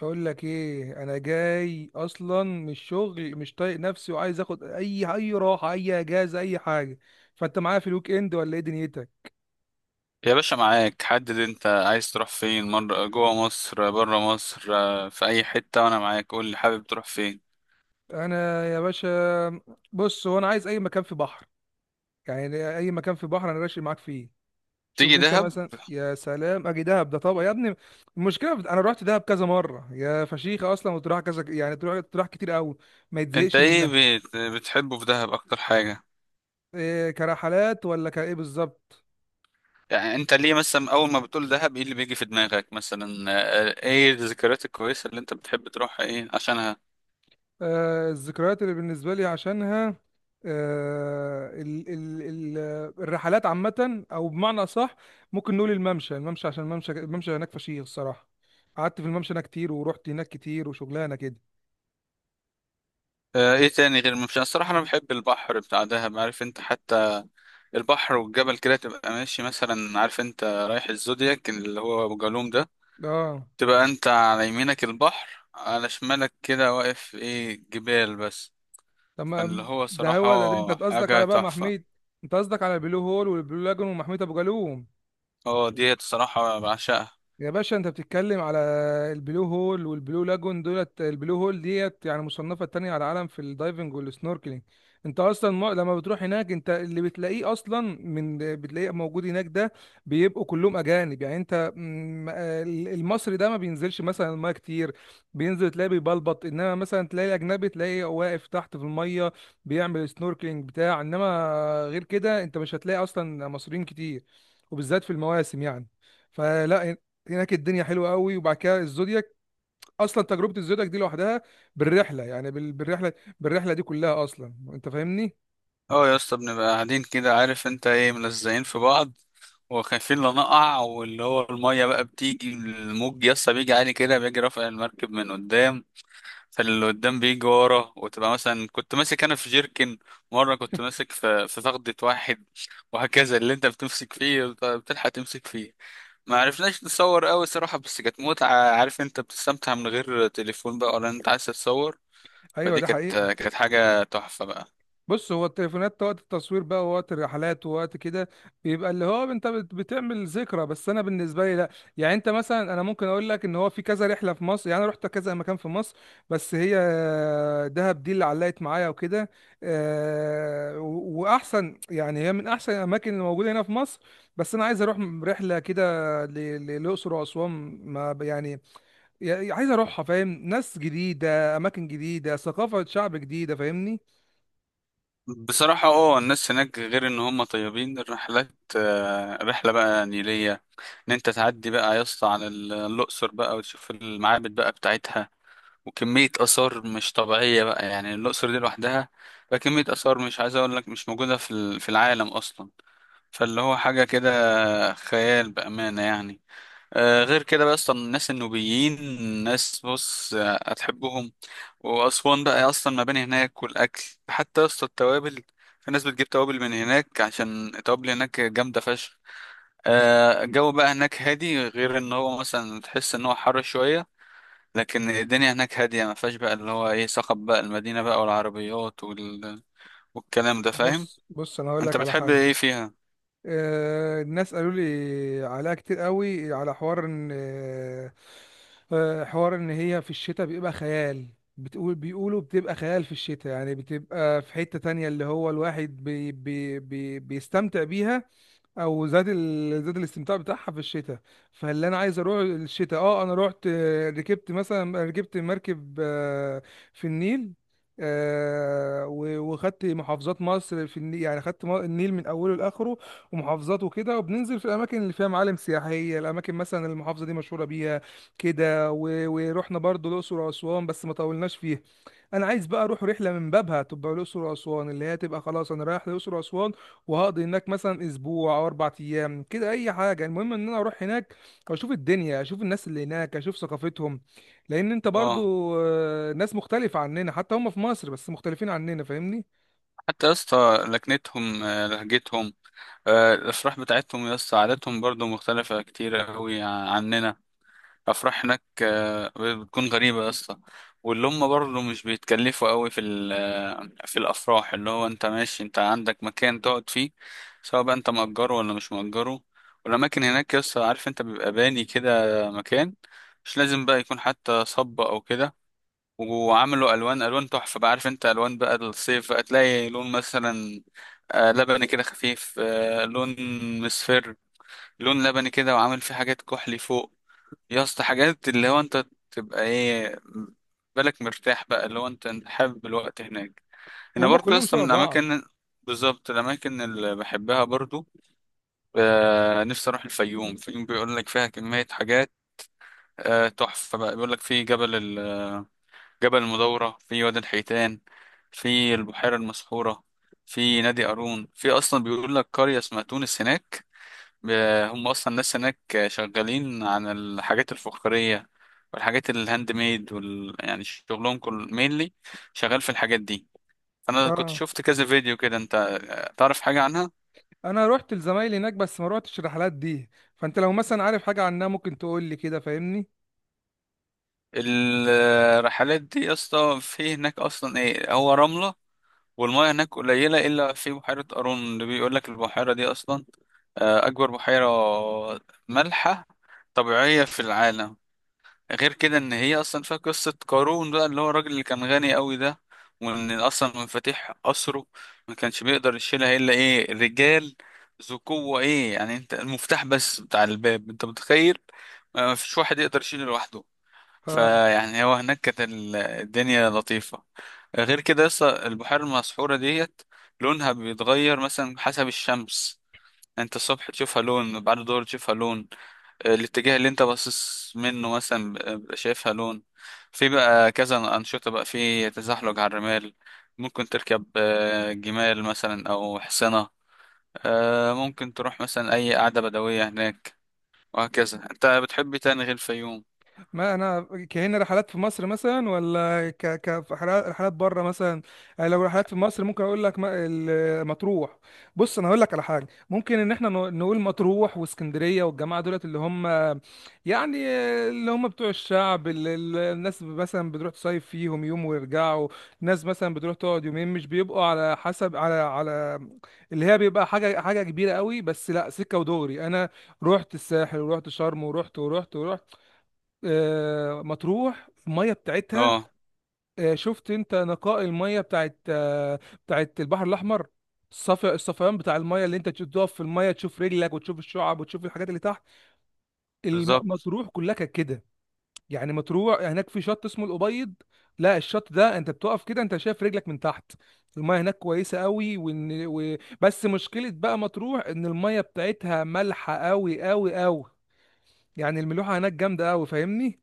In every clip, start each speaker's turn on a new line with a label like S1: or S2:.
S1: بقول لك ايه، انا جاي اصلا من الشغل مش طايق نفسي وعايز اخد اي راحه، اي اجازه، اي حاجه. فانت معايا في الويك اند ولا ايه دنيتك؟
S2: يا باشا معاك، حدد انت عايز تروح فين، مرة جوه مصر بره مصر، في اي حتة وانا معاك. قول لي، حابب تروح فين؟
S1: انا يا باشا، بص، هو انا عايز اي مكان في بحر. يعني اي مكان في بحر انا راشي معاك فيه. شوف
S2: تيجي
S1: انت
S2: دهب.
S1: مثلا، يا سلام اجي دهب ده طبعا يا ابني. انا رحت دهب كذا مره يا فشيخه اصلا، وتروح كذا يعني، تروح كتير قوي، ما
S2: انت
S1: يتزهقش
S2: ايه
S1: منها.
S2: بتحبه في دهب اكتر حاجة؟
S1: إيه، كرحلات ولا كايه بالظبط؟
S2: يعني انت ليه مثلا اول ما بتقول دهب ايه اللي بيجي في دماغك مثلا، ايه الذكريات الكويسة اللي انت بتحب تروحها ايه عشانها؟
S1: الذكريات اللي بالنسبة لي عشانها، آه، ال ال ال الرحلات عامة، أو بمعنى أصح ممكن نقول الممشى، عشان الممشى هناك فشيخ الصراحة. قعدت في الممشى هناك كتير، ورحت هناك كتير، وشغلانة كده.
S2: ايه تاني؟ غير مش الصراحة انا بحب البحر بتاع دهب، عارف انت، حتى البحر والجبل كده. تبقى ماشي مثلا، عارف انت، رايح الزودياك اللي هو ابو جالوم ده،
S1: اه،
S2: تبقى انت على يمينك البحر على شمالك كده، واقف ايه جبال بس. اللي
S1: تمام،
S2: هو
S1: ده
S2: صراحة
S1: هو ده. ده انت قصدك
S2: حاجة
S1: على بقى محمية؟
S2: تحفة.
S1: انت قصدك على البلو هول والبلو لاجون ومحمية ابو جالوم.
S2: اه ديت صراحة بعشقها.
S1: يا باشا انت بتتكلم على البلو هول والبلو لاجون. دولت البلو هول ديت يعني مصنفة تانية على العالم في الدايفنج والسنوركلينج. انت اصلا، ما لما بتروح هناك، انت اللي بتلاقيه اصلا، من بتلاقيه موجود هناك ده بيبقوا كلهم اجانب. يعني انت المصري ده ما بينزلش مثلا المايه كتير، بينزل تلاقيه بيبلبط. انما مثلا تلاقي الاجنبي تلاقيه واقف تحت في الميه بيعمل سنوركلينج بتاع. انما غير كده انت مش هتلاقي اصلا مصريين كتير، وبالذات في المواسم يعني. فلا، هناك الدنيا حلوه قوي. وبعد كده الزودياك، اصلا تجربه الزودياك دي لوحدها، بالرحله، بالرحله دي كلها اصلا، انت فاهمني.
S2: اه يا اسطى، بنبقى قاعدين كده، عارف انت ايه، ملزقين في بعض وخايفين لا نقع، واللي هو المية بقى بتيجي، الموج يا اسطى بيجي عالي كده، بيجي رافع المركب من قدام، فاللي قدام بيجي ورا، وتبقى مثلا كنت ماسك انا في جيركن، مرة كنت ماسك في فخدة واحد، وهكذا. اللي انت بتمسك فيه بتلحق تمسك فيه. ما عرفناش نصور قوي صراحة، بس كانت متعة، عارف انت، بتستمتع من غير تليفون بقى ولا انت عايز تتصور.
S1: ايوه
S2: فدي
S1: ده
S2: كانت
S1: حقيقه.
S2: كانت حاجة تحفة بقى.
S1: بص، هو التليفونات وقت التصوير بقى، ووقت الرحلات، ووقت كده، بيبقى اللي هو انت بتعمل ذكرى. بس انا بالنسبه لي لا. يعني انت مثلا، انا ممكن اقول لك ان هو في كذا رحله في مصر، يعني انا رحت كذا مكان في مصر. بس هي دهب دي اللي علقت معايا وكده. واحسن يعني، هي من احسن الاماكن اللي موجوده هنا في مصر. بس انا عايز اروح رحله كده للاقصر واسوان. ما ب- يعني يعني عايز اروحها، فاهم، ناس جديده، اماكن جديده، ثقافه شعب جديده، فاهمني.
S2: بصراحة اه الناس هناك غير ان هم طيبين، الرحلات، رحلة بقى نيلية، ان انت تعدي بقى يا اسطى على الاقصر بقى وتشوف المعابد بقى بتاعتها، وكمية اثار مش طبيعية بقى، يعني الاقصر دي لوحدها بقى كمية اثار مش عايز اقول لك مش موجودة في في العالم اصلا. فاللي هو حاجة كده خيال بأمانة يعني. غير كده بقى اصلا الناس النوبيين، ناس بص هتحبهم. واسوان بقى اصلا، مباني هناك والاكل، حتى اصلا التوابل، في ناس بتجيب توابل من هناك عشان التوابل هناك جامده فشخ. الجو بقى هناك هادي، غير ان هو مثلا تحس ان هو حر شويه، لكن الدنيا هناك هاديه ما فيهاش بقى اللي هو ايه، صخب بقى المدينه بقى والعربيات وال... والكلام ده، فاهم؟
S1: بص، انا هقول
S2: انت
S1: لك على
S2: بتحب
S1: حاجه.
S2: ايه فيها؟
S1: الناس قالوا لي عليها كتير قوي، على حوار ان حوار ان هي في الشتاء بيبقى خيال. بتقول بيقولوا بتبقى خيال في الشتاء، يعني بتبقى في حتة تانية اللي هو الواحد بي بي بي بيستمتع بيها، او زاد زاد الاستمتاع بتاعها في الشتاء. فاللي انا عايز اروح الشتاء. اه انا رحت، ركبت مثلا، ركبت مركب في النيل. وخدت محافظات مصر في النيل، يعني خدت النيل من اوله لاخره، ومحافظات وكده، وبننزل في الاماكن اللي فيها معالم سياحيه، الاماكن مثلا المحافظه دي مشهوره بيها كده. ورحنا برضو الاقصر واسوان بس ما طولناش فيها. انا عايز بقى اروح رحله من بابها تبقى الاقصر واسوان، اللي هي تبقى خلاص انا رايح الاقصر واسوان، وهقضي هناك مثلا اسبوع او اربع ايام كده، اي حاجه. المهم ان انا اروح هناك واشوف الدنيا، اشوف الناس اللي هناك، اشوف ثقافتهم، لان انت برضو،
S2: اه.
S1: ناس مختلفه عننا، حتى هم في مصر بس مختلفين عننا، فاهمني.
S2: حتى يا اسطى لكنتهم، لهجتهم، الأفراح بتاعتهم يا اسطى، عاداتهم برضو مختلفة كتير أوي عننا. أفراح هناك بتكون غريبة يا اسطى، واللي هم برضو مش بيتكلفوا أوي في في الأفراح، اللي هو أنت ماشي أنت عندك مكان تقعد فيه، سواء بقى أنت مأجره ولا مش مأجره. والأماكن هناك يا اسطى، عارف أنت، بيبقى باني كده مكان، مش لازم بقى يكون حتى صب أو كده، وعملوا الوان الوان تحفه بقى. عارف انت الوان بقى الصيف بقى، تلاقي لون مثلا لبني كده خفيف، لون مصفر، لون لبني كده وعامل فيه حاجات كحلي فوق، يا اسطى حاجات اللي هو انت تبقى ايه، بالك مرتاح بقى، اللي هو انت حابب الوقت هناك. انا
S1: وهم
S2: برضو يا
S1: كلهم
S2: اسطى
S1: شبه
S2: من
S1: بعض.
S2: الاماكن بالظبط الاماكن اللي بحبها برضو، نفسي اروح الفيوم. الفيوم بيقول لك فيها كميه حاجات تحفه بقى. بيقول لك في جبل، جبل المدورة، في وادي الحيتان، في البحيرة المسحورة، في نادي قارون، في أصلا بيقول لك قرية اسمها تونس هناك. ب- هم أصلا الناس هناك شغالين عن الحاجات الفخارية والحاجات الهاند ميد وال... يعني شغلهم كل مينلي شغال في الحاجات دي. أنا كنت
S1: اه،
S2: شفت كذا فيديو كده، أنت تعرف حاجة عنها؟
S1: انا رحت لزمايلي هناك بس ما روحتش الرحلات دي. فانت لو مثلا عارف حاجه عنها ممكن تقول لي كده، فاهمني.
S2: الرحلات دي يا اسطى، في هناك أصلا إيه هو رملة، والمياه هناك قليلة إلا في بحيرة قارون، اللي بيقول لك البحيرة دي أصلا أكبر بحيرة مالحة طبيعية في العالم. غير كده إن هي أصلا فيها قصة قارون بقى، اللي هو الراجل اللي كان غني أوي ده، وإن أصلا مفاتيح قصره ما كانش بيقدر يشيلها إلا إيه، رجال ذو قوة، إيه يعني أنت المفتاح بس بتاع الباب أنت متخيل، ما فيش واحد يقدر يشيله لوحده. فيعني هو هناك كانت الدنيا لطيفة. غير كده يسطا، البحيرة المسحورة ديت لونها بيتغير مثلا حسب الشمس، انت الصبح تشوفها لون، بعد الظهر تشوفها لون، الاتجاه اللي انت باصص منه مثلا بيبقى شايفها لون. في بقى كذا انشطه بقى، في تزحلق على الرمال، ممكن تركب جمال مثلا او حصنه، ممكن تروح مثلا اي قعده بدويه هناك، وهكذا. انت بتحب إيه تاني غير الفيوم؟
S1: ما انا كهنا رحلات في مصر مثلا، ولا رحلات بره مثلا. يعني لو رحلات في مصر ممكن اقول لك مطروح. بص انا هقول لك على حاجه، ممكن ان احنا نقول مطروح واسكندريه، والجماعه دولت اللي هم يعني، اللي هم بتوع الشعب، الناس مثلا بتروح تصيف فيهم يوم ويرجعوا، ناس مثلا بتروح تقعد يومين، مش بيبقوا على حسب، على على اللي هي بيبقى حاجه كبيره قوي. بس لا، سكه ودغري، انا رحت الساحل، ورحت شرم، ورحت ورحت. مطروح الميه بتاعتها،
S2: اه،
S1: شفت انت نقاء الميه بتاعت، بتاعت البحر الاحمر، الصفا الصفيان بتاع الميه، اللي انت تقف في الميه تشوف رجلك وتشوف الشعب وتشوف الحاجات اللي تحت.
S2: بالظبط.
S1: مطروح كلها كانت كده. يعني مطروح هناك في شط اسمه الابيض، لا، الشط ده انت بتقف كده انت شايف رجلك من تحت. الميه هناك كويسه قوي. بس مشكله بقى مطروح ان الميه بتاعتها مالحه قوي قوي قوي، يعني الملوحه هناك جامده قوي، فاهمني.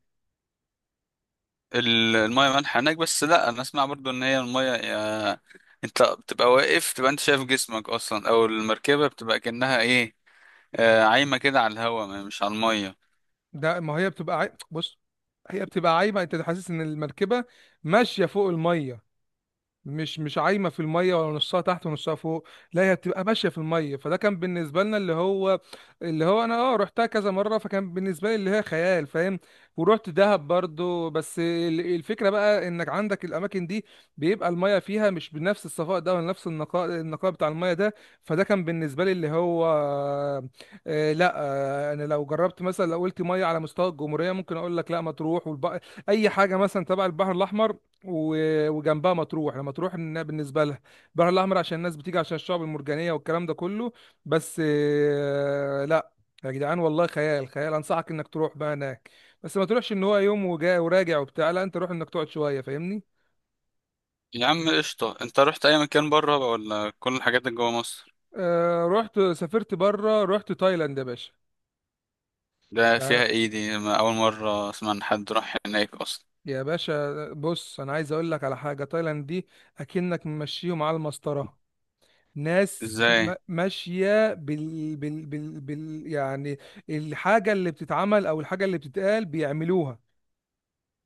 S2: المية مالحة هناك، بس لا انا اسمع برضو ان هي المية انت بتبقى واقف، تبقى انت شايف جسمك اصلا، او المركبة بتبقى كأنها ايه، عايمة كده على الهوا، مش على المية.
S1: ده، ما هي بص، هي بتبقى عايمه، انت حاسس ان المركبه ماشيه فوق الميه، مش عايمه في الميه، ولا نصها تحت ونصها فوق، لا هي بتبقى ماشيه في الميه. فده كان بالنسبه لنا اللي هو، اللي هو انا اه رحتها كذا مره، فكان بالنسبه لي اللي هي خيال، فاهم. ورحت دهب برضو. بس الفكره بقى انك عندك الاماكن دي، بيبقى الميه فيها مش بنفس الصفاء ده، ولا نفس النقاء، النقاء بتاع الميه ده. فده كان بالنسبه لي اللي هو، آه لا. آه، انا لو جربت مثلا، لو قلت ميه على مستوى الجمهوريه، ممكن اقول لك لا، ما تروح اي حاجه مثلا تبع البحر الاحمر، وجنبها مطروح. انا مطروح إنها بالنسبه لها البحر الاحمر، عشان الناس بتيجي عشان الشعب المرجانيه والكلام ده كله، بس لا. يا جدعان والله خيال، خيال، انصحك انك تروح بقى هناك. بس ما تروحش ان هو يوم وجاي وراجع وبتاع، لا، انت روح انك تقعد شويه، فاهمني.
S2: يا عم قشطة، انت رحت اي مكان بره بقى ولا كل الحاجات اللي جوا مصر؟
S1: آه رحت، سافرت بره، رحت تايلاند يا باشا.
S2: ده فيها
S1: يا
S2: ايه دي؟ ما اول مرة اسمع ان حد راح هناك اصلا.
S1: يا باشا، بص انا عايز اقول لك على حاجه، تايلاند دي اكنك ممشيهم على المسطره. ناس
S2: ازاي؟
S1: ماشية يعني الحاجة اللي بتتعمل أو الحاجة اللي بتتقال بيعملوها.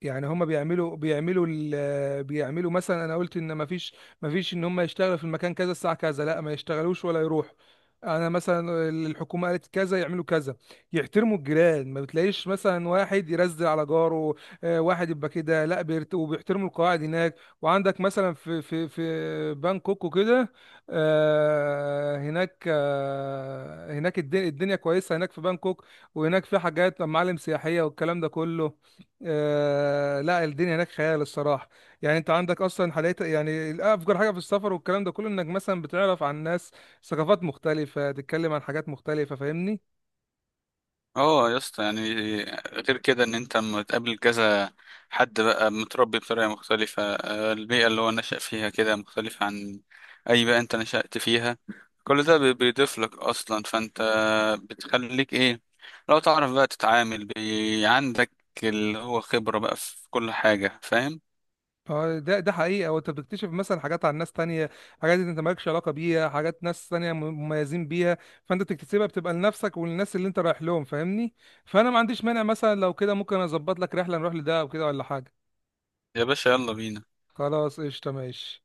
S1: يعني هم بيعملوا، بيعملوا مثلا، انا قلت ان مفيش، مفيش ان هم يشتغلوا في المكان كذا الساعه كذا، لا ما يشتغلوش ولا يروحوا. انا مثلا الحكومه قالت كذا يعملوا كذا، يحترموا الجيران، ما بتلاقيش مثلا واحد يرزل على جاره، واحد يبقى كده لا وبيحترموا القواعد هناك. وعندك مثلا في في بانكوك وكده، هناك الدنيا كويسه هناك في بانكوك، وهناك في حاجات، معالم سياحيه، والكلام ده كله. آه لا الدنيا هناك خيال الصراحه. يعني انت عندك اصلا حاليا يعني افجر حاجه في السفر والكلام ده كله، انك مثلا بتعرف عن ناس، ثقافات مختلفه، تتكلم عن حاجات مختلفه، فاهمني.
S2: اه يا اسطى يعني، غير كده ان انت لما تقابل كذا حد بقى متربي بطريقه مختلفه، البيئه اللي هو نشأ فيها كده مختلفه عن اي بيئه انت نشأت فيها، كل ده بيضيف لك اصلا، فانت بتخليك ايه، لو تعرف بقى تتعامل بي، عندك اللي هو خبره بقى في كل حاجه، فاهم؟
S1: اه ده حقيقه. وانت بتكتشف مثلا حاجات عن ناس تانية، حاجات انت مالكش علاقه بيها، حاجات ناس تانية مميزين بيها، فانت بتكتسبها، بتبقى لنفسك وللناس اللي انت رايح لهم، فاهمني. فانا ما عنديش مانع، مثلا لو كده ممكن اظبط لك رحله نروح لده او كده ولا حاجه.
S2: يا باشا يلا بينا.
S1: خلاص قشطه ماشي.